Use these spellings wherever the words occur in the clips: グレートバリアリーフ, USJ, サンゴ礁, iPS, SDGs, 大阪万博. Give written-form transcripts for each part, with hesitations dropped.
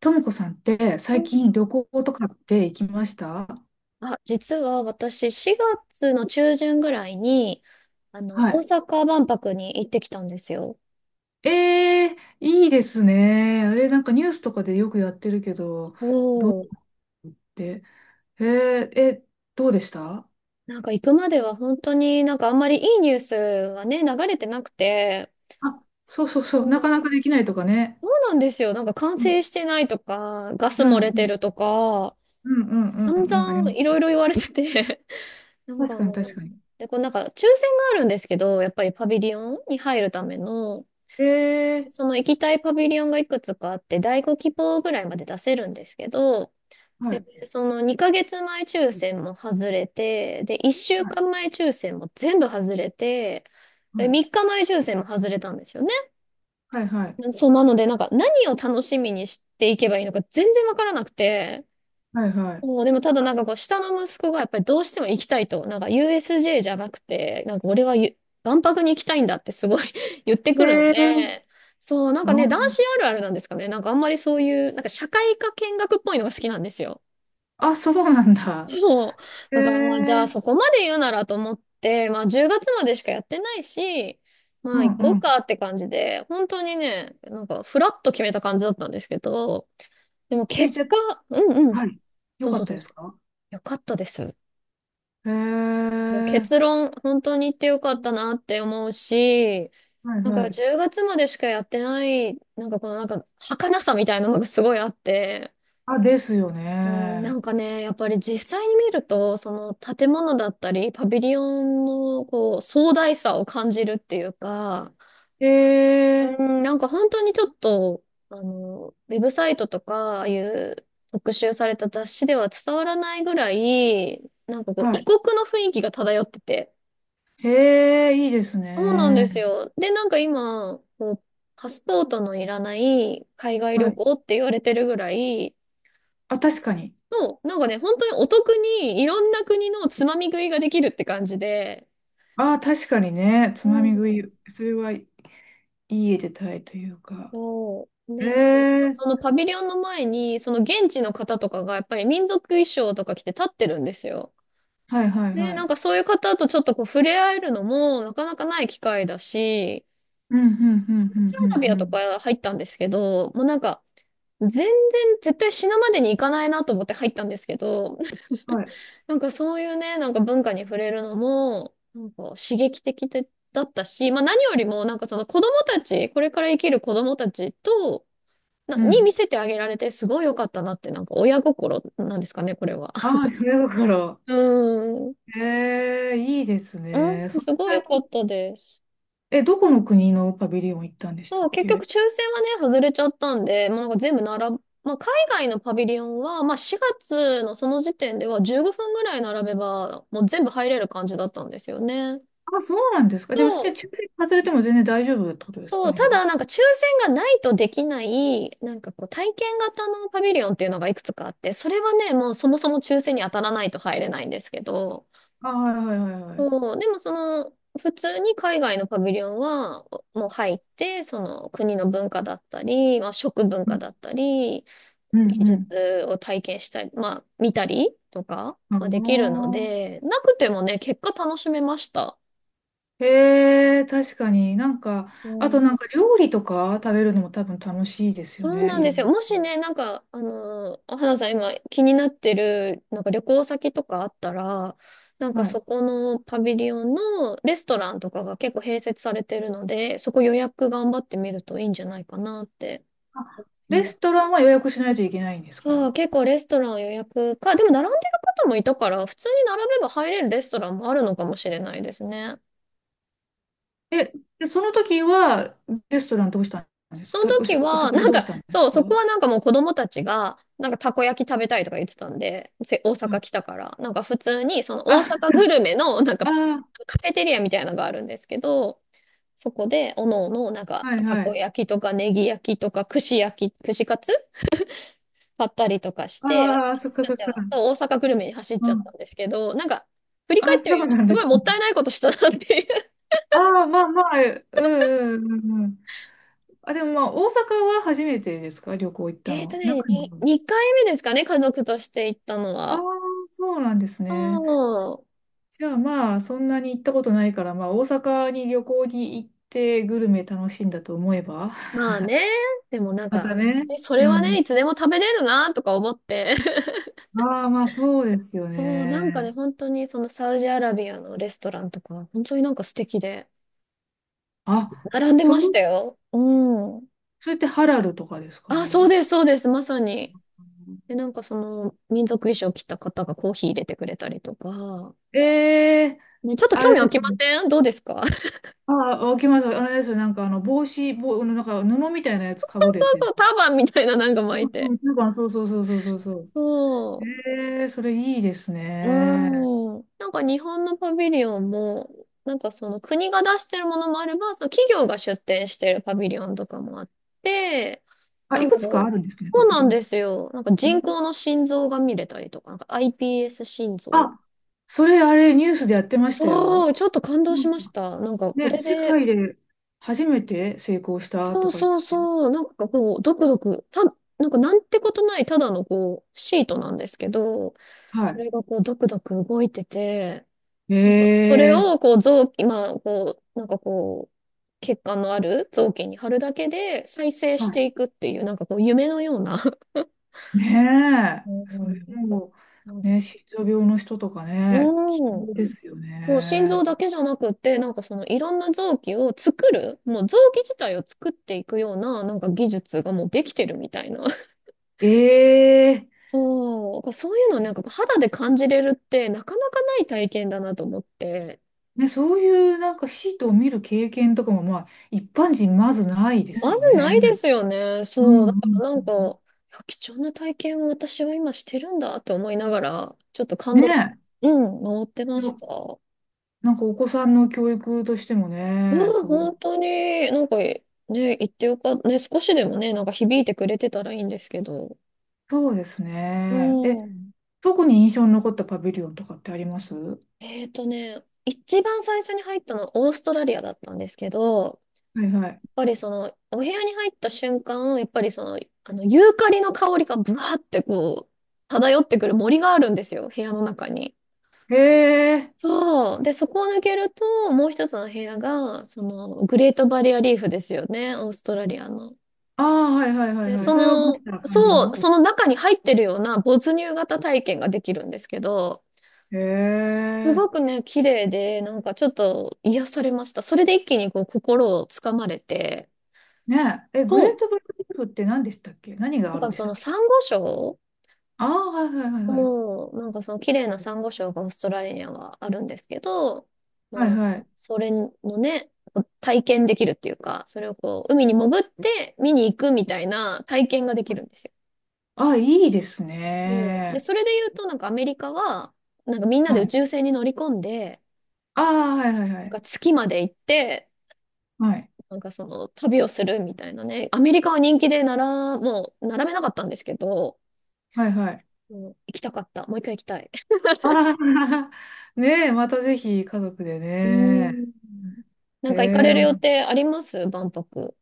ともこさんってう最ん。近旅行とかって行きました？あ、実は私4月の中旬ぐらいに、は大い。阪万博に行ってきたんですよ。ええ、いいですね。あれ、なんかニュースとかでよくやってるけど、おー。で、えーえ、どうでした？なんか行くまでは本当になんかあんまりいいニュースがね、流れてなくて、あ、そうそうおそう、なー、かなかできないとかね。そうなんですよ。なんか完うん、成してないとか、ガスう漏ん、れうてん、るとか、うん、うん、うん、散うん、あり々いろいろ言われてて、なんます。か確かに、も確う、かに。で、こうなんか抽選があるんですけど、やっぱりパビリオンに入るための、ええ、その行きたいパビリオンがいくつかあって、第5希望ぐらいまで出せるんですけど、はい、その2ヶ月前抽選も外れて、で、1週はい、間前抽選も全部外れて、はでい、3日前抽選も外れたんですよね。はい、はい、そうなので、なんか何を楽しみにしていけばいいのか全然わからなくて、はい、はい。もうでもただなんかこう下の息子がやっぱりどうしても行きたいと、なんか USJ じゃなくて、なんか俺はゆ万博に行きたいんだってすごい 言ってくるのええ、で、そう、なんかあ、ね、男子あるあるなんですかね。なんかあんまりそういう、なんか社会科見学っぽいのが好きなんですよ。あ、そうなんだ。そう。えだからまあじゃあえ、そこまで言うならと思って、まあ10月までしかやってないし、まうあん、行こううん。かって感じで、本当にね、なんかフラッと決めた感じだったんですけど、でもえ、結じゃ果、あ、うんうん、はい。よどうかぞっどたうでぞ。すか？よかったです。へえ、もう結論、本当に行ってよかったなって思うし、はいなんはかい。10月までしかやってない、なんかこのなんか儚さみたいなのがすごいあって、あ、ですようん、なんね。かね、やっぱり実際に見ると、その建物だったり、パビリオンのこう壮大さを感じるっていうか、へうえ、ん、なんか本当にちょっと、ウェブサイトとか、ああいう特集された雑誌では伝わらないぐらい、なんかこうは異い。国の雰囲気が漂ってて、へえ、いいですそうなんですね。よ。で、なんか今、こう、パスポートのいらない海外は旅い。行って言われてるぐらいあ、確かに。の、なんかね、本当にお得にいろんな国のつまみ食いができるって感じで、あ、確かにね。うつまみ食い。ん。それはいい絵でたいというか。そう。へで、なんかえ、そのパビリオンの前に、その現地の方とかがやっぱり民族衣装とか着て立ってるんですよ。はいはいで、はなんい。かそういう方とちょっとこう触れ合えるのもなかなかない機会だし、うん、うん、うサん、ウうジん、アラビうアん。うとん、か入ったんですけど、もうなんか、全然絶対死ぬまでに行かないなと思って入ったんですけど、はい。なんかそういうね、なんか文化に触れるのも、なんか刺激的でだったし、まあ何よりもなんかその子供たち、これから生きる子供たちと、な、うに見ん。せてあげられてすごい良かったなって、なんか親心なんですかね、これは。あ あ、だから。うん。へえ、いいですね。うん、そんすごいな良かに。ったです。え、どこの国のパビリオン行ったんでしたそう、っ結局け？抽選はね、外れちゃったんで、もうなんか全部並ぶ、まあ、海外のパビリオンは、まあ、4月のその時点では15分ぐらい並べば、もう全部入れる感じだったんですよね。あ、そうなんですか。そじゃあ、別に抽う、選外れても全然大丈夫ってことですそかう、ね、たじゃあ。だなんか抽選がないとできない、なんかこう体験型のパビリオンっていうのがいくつかあって、それはね、もうそもそも抽選に当たらないと入れないんですけど、あ、はいはいはいはい。そう、でもその、普通に海外のパビリオンはもう入って、その国の文化だったり、まあ、食文う化ん、だったり、う技ん、術を体験したり、まあ、見たりとか、うまあ、できるのん、ああ。で、なくてもね、結果楽しめました。へえ、確かに。なんか、うあとなん、んか料理とか食べるのも多分楽しいですよそうね。なんいでろすよ。んもしね、なんか、花さん今気になってる、なんか旅行先とかあったら、なんな。かはい。そこのパビリオンのレストランとかが結構併設されてるので、そこ予約頑張ってみるといいんじゃないかなって。あ、レストランは予約しないといけないんですそか？う、結構レストラン予約か、でも並んでる方もいたから、普通に並べば入れるレストランもあるのかもしれないですね。え、で、その時は、レストランどうしたんですそのかたお時し、おは、食事なんどうしか、たんですそう、か？そこうはなんかもう子供たちが、なんかたこ焼き食べたいとか言ってたんで、大阪来ん、たから、なんか普通にその大あ、阪グルメの、なんかあカフェテリアみたいなのがあるんですけど、そこで、おのおの、なんー、か、はいたはこい。焼きとか、ネギ焼きとか、串焼き、串カツ買ったりとかして、ああ、そっか私たそっちか。はそう大阪グルメに走っうちゃっん。たんですけど、なんか、振り返あ、ってそうみるとなんすでごいすもね。ったいないことしたなっていう。ああ、まあまあ、うん、うん、うん、うん。あ、でもまあ、大阪は初めてですか、旅行行っ たえっとの、ね、中に？に、2回目ですかね、家族として行ったのああ、は。そうなんですうね。ん。じゃあまあ、そんなに行ったことないから、まあ、大阪に旅行に行ってグルメ楽しんだと思えば、まあね、でもなんまたか、ね。それうはね、ん。いつでも食べれるなとか思って。ああ、まあ、そうですよそう、なんかね、ね。本当にそのサウジアラビアのレストランとか、本当になんか素敵で、あ、並んでそましたう、よ。うん。それってハラルとかですかあ、そうね？です、そうです、まさに。で、なんかその民族衣装着た方がコーヒー入れてくれたりとか、ええー、ね、ちょっとあ興れ味で湧すきまね。せんどうですか？ そう。ああ、わかります。あれですよ。なんか、あの、帽子、あのなんか、布みたいなやつかぶるやつでそすう、ターね。バンみたいななんか巻ういん、うて。ん、なんか、そうそうそうそうそうそう。そええ、それいいですう。ね。うん。なんか日本のパビリオンも、なんかその国が出してるものもあれば、その企業が出展してるパビリオンとかもあって、あ、ないんかくつかこあう、るんですね、そパうビなリんオン。ですよ。なんかうん、人工の心臓が見れたりとか、なんか iPS 心臓、あ、それ、あれ、ニュースでやってましたそよ。う、ちょっと感動うしん、ました。なんかこね、れ世で、界で初めて成功したそとうか言っそうて。そう、なんかこう、ドクドク、た、なんかなんてことないただのこう、シートなんですけど、そはれがこう、ドクドク動いてて、なんかそれい。えをえ、こう、臓器、まあこう、なんかこう、血管のある臓器に貼るだけで再生はしい。ていくっていう、なんかこう、夢のような。ねえ。うそれん。も、なん、ね、心臓病の人とかね、希うん。望ですよそう、心臓ね。だけじゃなくて、なんかそのいろんな臓器を作る、もう臓器自体を作っていくような、なんか技術がもうできてるみたいな。ええ、そう、そういうのをなんか肌で感じれるってなかなかない体験だなと思って。ね、そういうなんかシートを見る経験とかもまあ一般人まずないでますよずね。ないですよね。うん、そう。だうかん、らなうんか、ん、いうや貴重な体験を私は今してるんだと思いながら、ちょっとん。感動して、ねうん、回ってえ。ましよ、た。なんかお子さんの教育としてもね、うん、すごい。本当に、なんかね、言ってよかった。ね、少しでもね、なんか響いてくれてたらいいんですけど。そうですね。え、うん。特に印象に残ったパビリオンとかってありますは？えーとね、一番最初に入ったのはオーストラリアだったんですけど、い、はい。ぱりその、お部屋に入った瞬間、やっぱりその、ユーカリの香りがブワーってこう、漂ってくる森があるんですよ、部屋の中に。へえ。そう。で、そこを抜けると、もう一つの部屋が、その、グレートバリアリーフですよね、オーストラリアの。ああ、はいはいはいで、はい。そそれを持っの、てた感じそう、の？その中に入ってるような没入型体験ができるんですけど、へすごえ。くね、綺麗で、なんかちょっと癒されました。それで一気にこう、心をつかまれて、ねえ。え、グそレーう。トバリアリーフって何でしたっけ？何ながんあるかでしそたっの、珊け？瑚礁。ああー、はいはいはいはい。もう、なんかその綺麗なサンゴ礁がオーストラリアはあるんですけど、はいまあ、はい。それのね、こう体験できるっていうか、それをこう、海に潜って見に行くみたいな体験ができるんですよ。ああ、いいですそう。で、ね。それで言うと、なんかアメリカは、なんかみんなはで宇い、宙船に乗り込んで、ああ、はいはいはなんかい。月まで行って、はい。なんかその旅をするみたいなね、アメリカは人気でなら、もう並べなかったんですけど、はいはい。もう行きたかった。もう一回行きたい。ああ、ねえ、またぜひ家族でうーね。ん。なんえか行かれる予え、定あります、万博？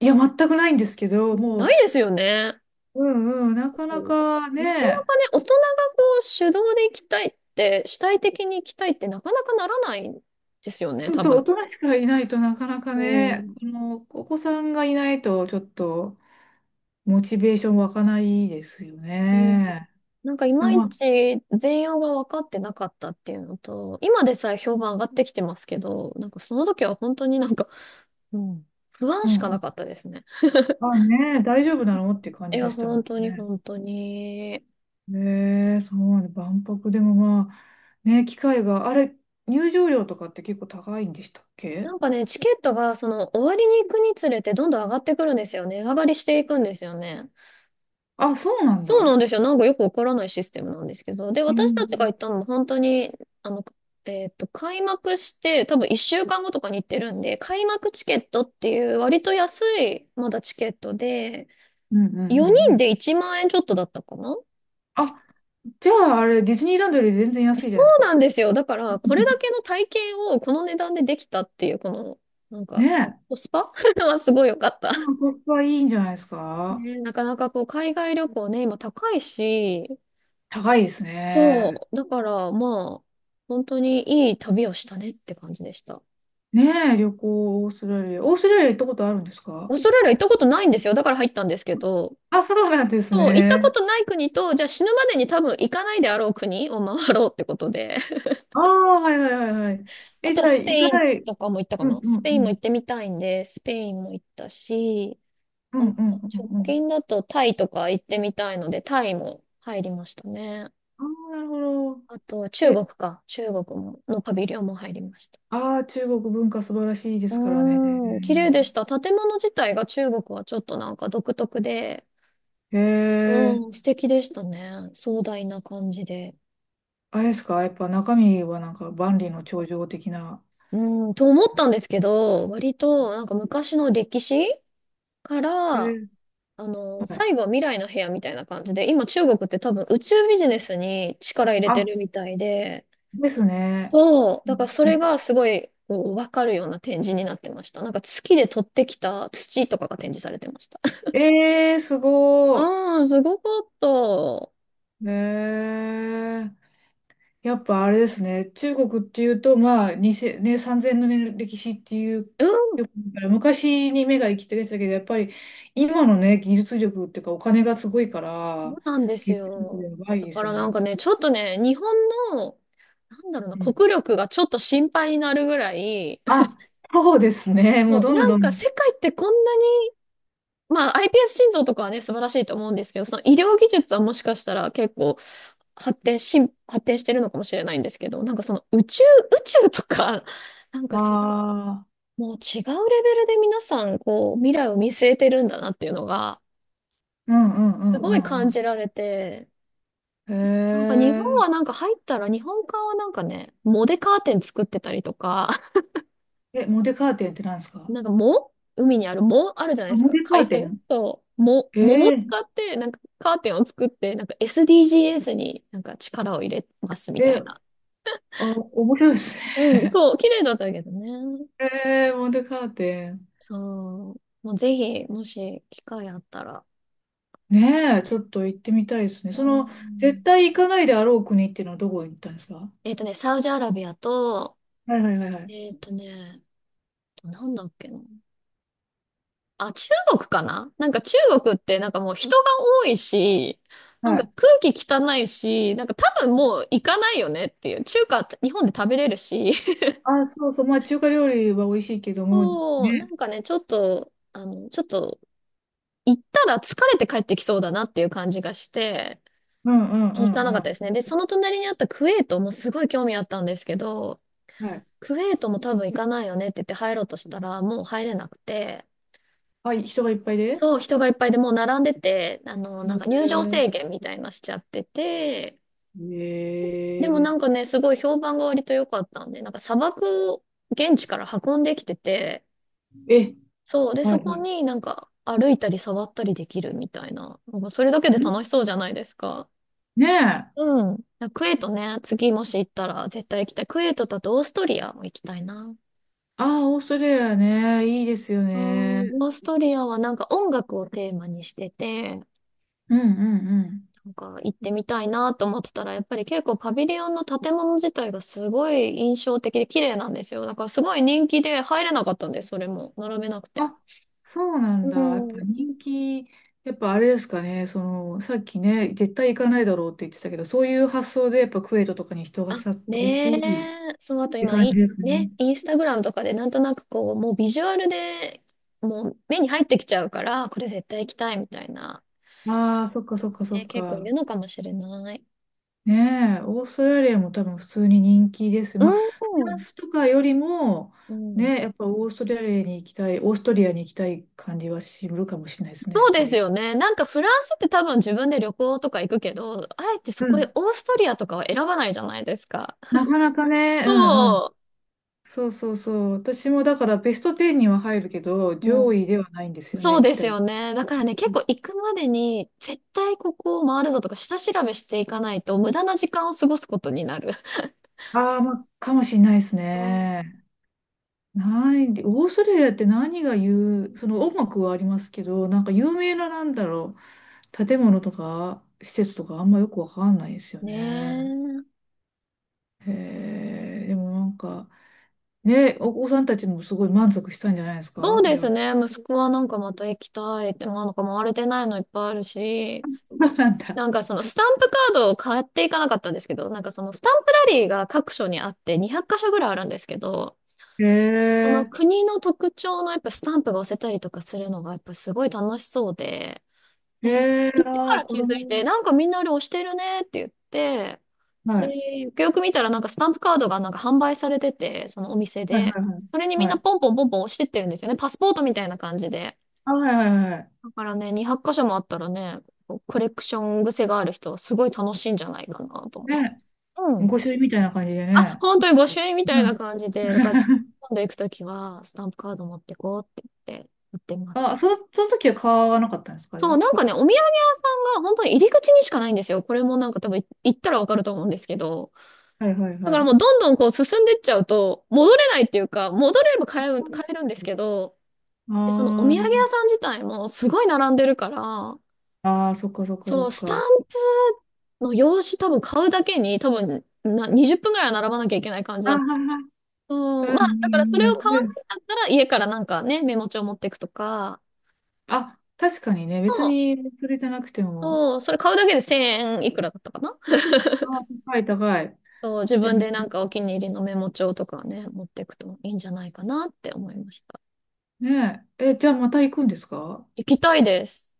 いや、全くないんですけど、もう、ないですよね。うん、うん、なかうなかなかなね、かね、大人がこう主導で行きたいって、主体的に行きたいってなかなかならないんですよね、そう多そう、大分。人しかいないとなかなかうね、ん。この、お子さんがいないと、ちょっと、モチベーション湧かないですようん、ね。なんかいでまも、いまあ、ち全容が分かってなかったっていうのと、今でさえ評判上がってきてますけど、なんかその時は本当になんか、うん、不安うしかなん。かったですね。あ、ねえ、大丈夫なのっていう感いじでや、したも本当んにね。本当に。ねえ、そうなんで万博でもまあ、ね、機会が、あれ、入場料とかって結構高いんでしたっなけ？んかね、チケットがその終わりに行くにつれてどんどん上がってくるんですよね。値上がりしていくんですよね。あ、そうなんそうなだ。んですよ。なんかよくわからないシステムなんですけど。で、う私たちが行ん。ったのも本当に、あの、開幕して多分1週間後とかに行ってるんで、開幕チケットっていう割と安いまだチケットで、うん、うん、うん、4う人ん。で1万円ちょっとだったかな？あ、じゃああれ、ディズニーランドより全然安いじそゃないですうなか。んですよ。だから、これだ けの体験をこの値段でできたっていう、この、なんか、ねえ。コスパ はすごい良かった。うん、ここはいいんじゃないですか。ね、なかなかこう、海外旅行ね、今高いし、高いですね。そう、だからまあ、本当にいい旅をしたねって感じでした。ねえ、旅行、オーストラリア。オーストラリア行ったことあるんですオか？ーストラリア行ったことないんですよ。だから入ったんですけど、あ、そうなんですそう、行ったこね。とない国と、じゃあ死ぬまでに多分行かないであろう国を回ろうってことで。ああ、はいはいはいはい。あえ、とじはゃあ、スペ行かインない。とかも行ったかうん、な。うスん、ペうインもん。行ってみたいんで、スペインも行ったし、うあん、とうん、う直ん、うん。近だとタイとか行ってみたいので、タイも入りましたね。ああ、なるほど。あとは中え、国か。中国も、のパビリオンも入りました。ああ、中国文化素晴らしいですからね。うーん。綺麗でした。建物自体が中国はちょっとなんか独特で、へえ、うん、素敵でしたね。壮大な感じで。あれですか、やっぱ中身はなんか万里の長城的な。うん、と思ったんですけど、割となんか昔の歴史かへえら、ー、はい。最後は未来の部屋みたいな感じで、今中国って多分宇宙ビジネスに力入れてあ、るみたいで、ですね。そう。だからそれがすごい、こう、わかるような展示になってました。なんか月で取ってきた土とかが展示されてました。ええー、す ごうん、すごかった。うん、い。ええ、やっぱあれですね、中国っていうと、まあ、2 0ね、3000の年の歴史っていう、そよく見たら昔に目が行きがちだけど、やっぱり今のね、技術力っていうか、お金がすごいかうら、なんです技術力よ。やばいだでかすよらなんね。かね、ちょっとね、日本の、なんだろうな、国力がちょっと心配になるぐらい、あ、そうですね。もうそう、どなんどんかん。世界ってこんなに、まあ iPS 心臓とかはね、素晴らしいと思うんですけど、その医療技術はもしかしたら結構発展し、発展してるのかもしれないんですけど、なんかその宇宙とか、なんかあそ、あ。もう違うレベルで皆さん、こう、未来を見据えてるんだなっていうのが、うん、うん、うすごいん、うん、感うじられて、ん。なんかへ日本はなんか入ったら、日本館はなんかね、藻でカーテン作ってたりとか、え。え、モデカーテンって何です か？なんか藻海にある藻あるじゃないあ、ですモか。デ海カーテ藻。ン？そう。藻をえ、使って、なんかカーテンを作って、なんか SDGs になんか力を入れますみえたいえ、な。あ、面白いですうん、ね。そう、綺麗だったけどね。ええ、モデカーテン。そう。もうぜひ、もし機会あったら。ねえ、ちょっと行ってみたいですね。うその、絶ん。対行かないであろう国っていうのはどこに行ったんですか？サウジアラビアと、はいはいはいはい。えっとね、なんだっけな。あ、中国かな。なんか中国ってなんかもう人が多いし、なんはかい。空気汚いし、なんか多分もう行かないよねっていう。中華って日本で食べれるし。あ、そうそう。まあ、中華料理は美味しいけども、そう、なんね。かね、ちょっと行ったら疲れて帰ってきそうだなっていう感じがして、うん、うん、行かなかっうたですん、ね。で、その隣にあったクウェートもすごい興味あったんですけど、うん。はい。クウェートも多分行かないよねって言って入ろうとしたら、もう入れなくて、あ、人がいっぱいで？そう、人がいっぱいでもう並んでて、へなんかえ、入場制限みたいなしちゃってて、でもえなんかね、すごい評判が割と良かったんで、なんか砂漠を現地から運んできてて、ええ、そう、で、はいそはこい。になんか歩いたり触ったりできるみたいな、なんかそれだけでん、楽しそうじゃないですか。ねえ。あ、うん。クエートね、次もし行ったら絶対行きたい。クエートだとオーストリアも行きたいな。ああ、オーストラリアね、いいですよあ、ね。オーストリアはなんか音楽をテーマにしてて、うん、うん、なんか行ってみたいなと思ってたら、やっぱり結構パビリオンの建物自体がすごい印象的で綺麗なんですよ。だからすごい人気で入れなかったんです、それも。並べなくうん。て。あ、そうなうんだ。やっぱん。人気、やっぱあれですかね、その、さっきね、絶対行かないだろうって言ってたけど、そういう発想でやっぱクウェートとかに人あ、が殺到ねし、え。っそう、あとて今、感じですね。ね、インスタグラムとかでなんとなくこう、もうビジュアルでもう目に入ってきちゃうから、これ絶対行きたいみたいな。ああ、そっかそっかそっね、結構いか。るのかもしれない。ねえ、オーストラリアも多分普通に人気です。うまあ、フランん。スとかよりも、うん。ね、やっぱオーストラリアに行きたい、オーストリアに行きたい感じはするかもしれないですね、そやっうぱですり。よね。なんかフランスって多分自分で旅行とか行くけど、あえてそうこでん。オーストリアとかは選ばないじゃないですか。なかなかね、うん、うん。そそうそうそう。私もだからベスト10には入るけど、う。う上ん。位ではないんですよそね、う行できすたい。よね。だからね、結構行くまでに絶対ここを回るぞとか下調べしていかないと無駄な時間を過ごすことになる。ああ、まあ、かもしれないですうん。ね。ない、オーストラリアって何が言う、その音楽はありますけど、なんか有名ななんだろう。建物とか施設とかあんまよくわかんないですよねね。え。へえ、でもなんか、ね、お子さんたちもすごい満足したんじゃないですそうかじでゃすあ？ね。息子はなんかまた行きたいって、なんか回れてないのいっぱいあるし、そうなんだ。なんかそのスタンプカードを買っていかなかったんですけど、なんかそのスタンプラリーが各所にあって200箇所ぐらいあるんですけど、へそのえ、国の特徴のやっぱスタンプが押せたりとかするのがやっぱすごい楽しそうで、で、へえ、行ってあかあ、ら子気づいて、供。なんかみんなあれ押してるねって言って、はい。で、よくよく見たらなんかスタンプカードがなんか販売されてて、そのお店はいはで、いはそれにみんい。はなポい。ンポンポンポン押してってるんですよね。パスポートみたいな感じで。あ、はいはいはい。だからね、200箇所もあったらね、こうコレクション癖がある人はすごい楽しいんじゃないかなと思っね、て。うん。御朱印みたいな感じであ、ね。本当に御朱印みたいうなん。感じで、だから 今度行くときはスタンプカード持ってこうって言って、売ってます。あ、その、その時は買わなかったんですかじゃそう、あ？なんかね、お土産屋さんが本当に入り口にしかないんですよ。これもなんか多分行ったらわかると思うんですけど。はいはいだかはらもい。うどんどんこう進んでっちゃうと、戻れないっていうか、戻れれば買えるんですけど、でそのお土産屋あさん自体もすごい並んでるから、あ、ああ、そっかそっかそそう、っスタンか。の用紙多分買うだけに多分な20分ぐらいは並ばなきゃいけない感じああ、だった。はいはい。うん、うん、うまあだからそん、れを買わうなん。いんだったら家からなんかね、メモ帳持っていくとか、あ、確かにね、別にそれじゃなくても。そう、それ買うだけで1000円いくらだったかな？あ、高い高い。そう、自え、分でなんかお気に入りのメモ帳とかね、持っていくといいんじゃないかなって思いました。ねえ、え、じゃあまた行くんですか？行きたいです。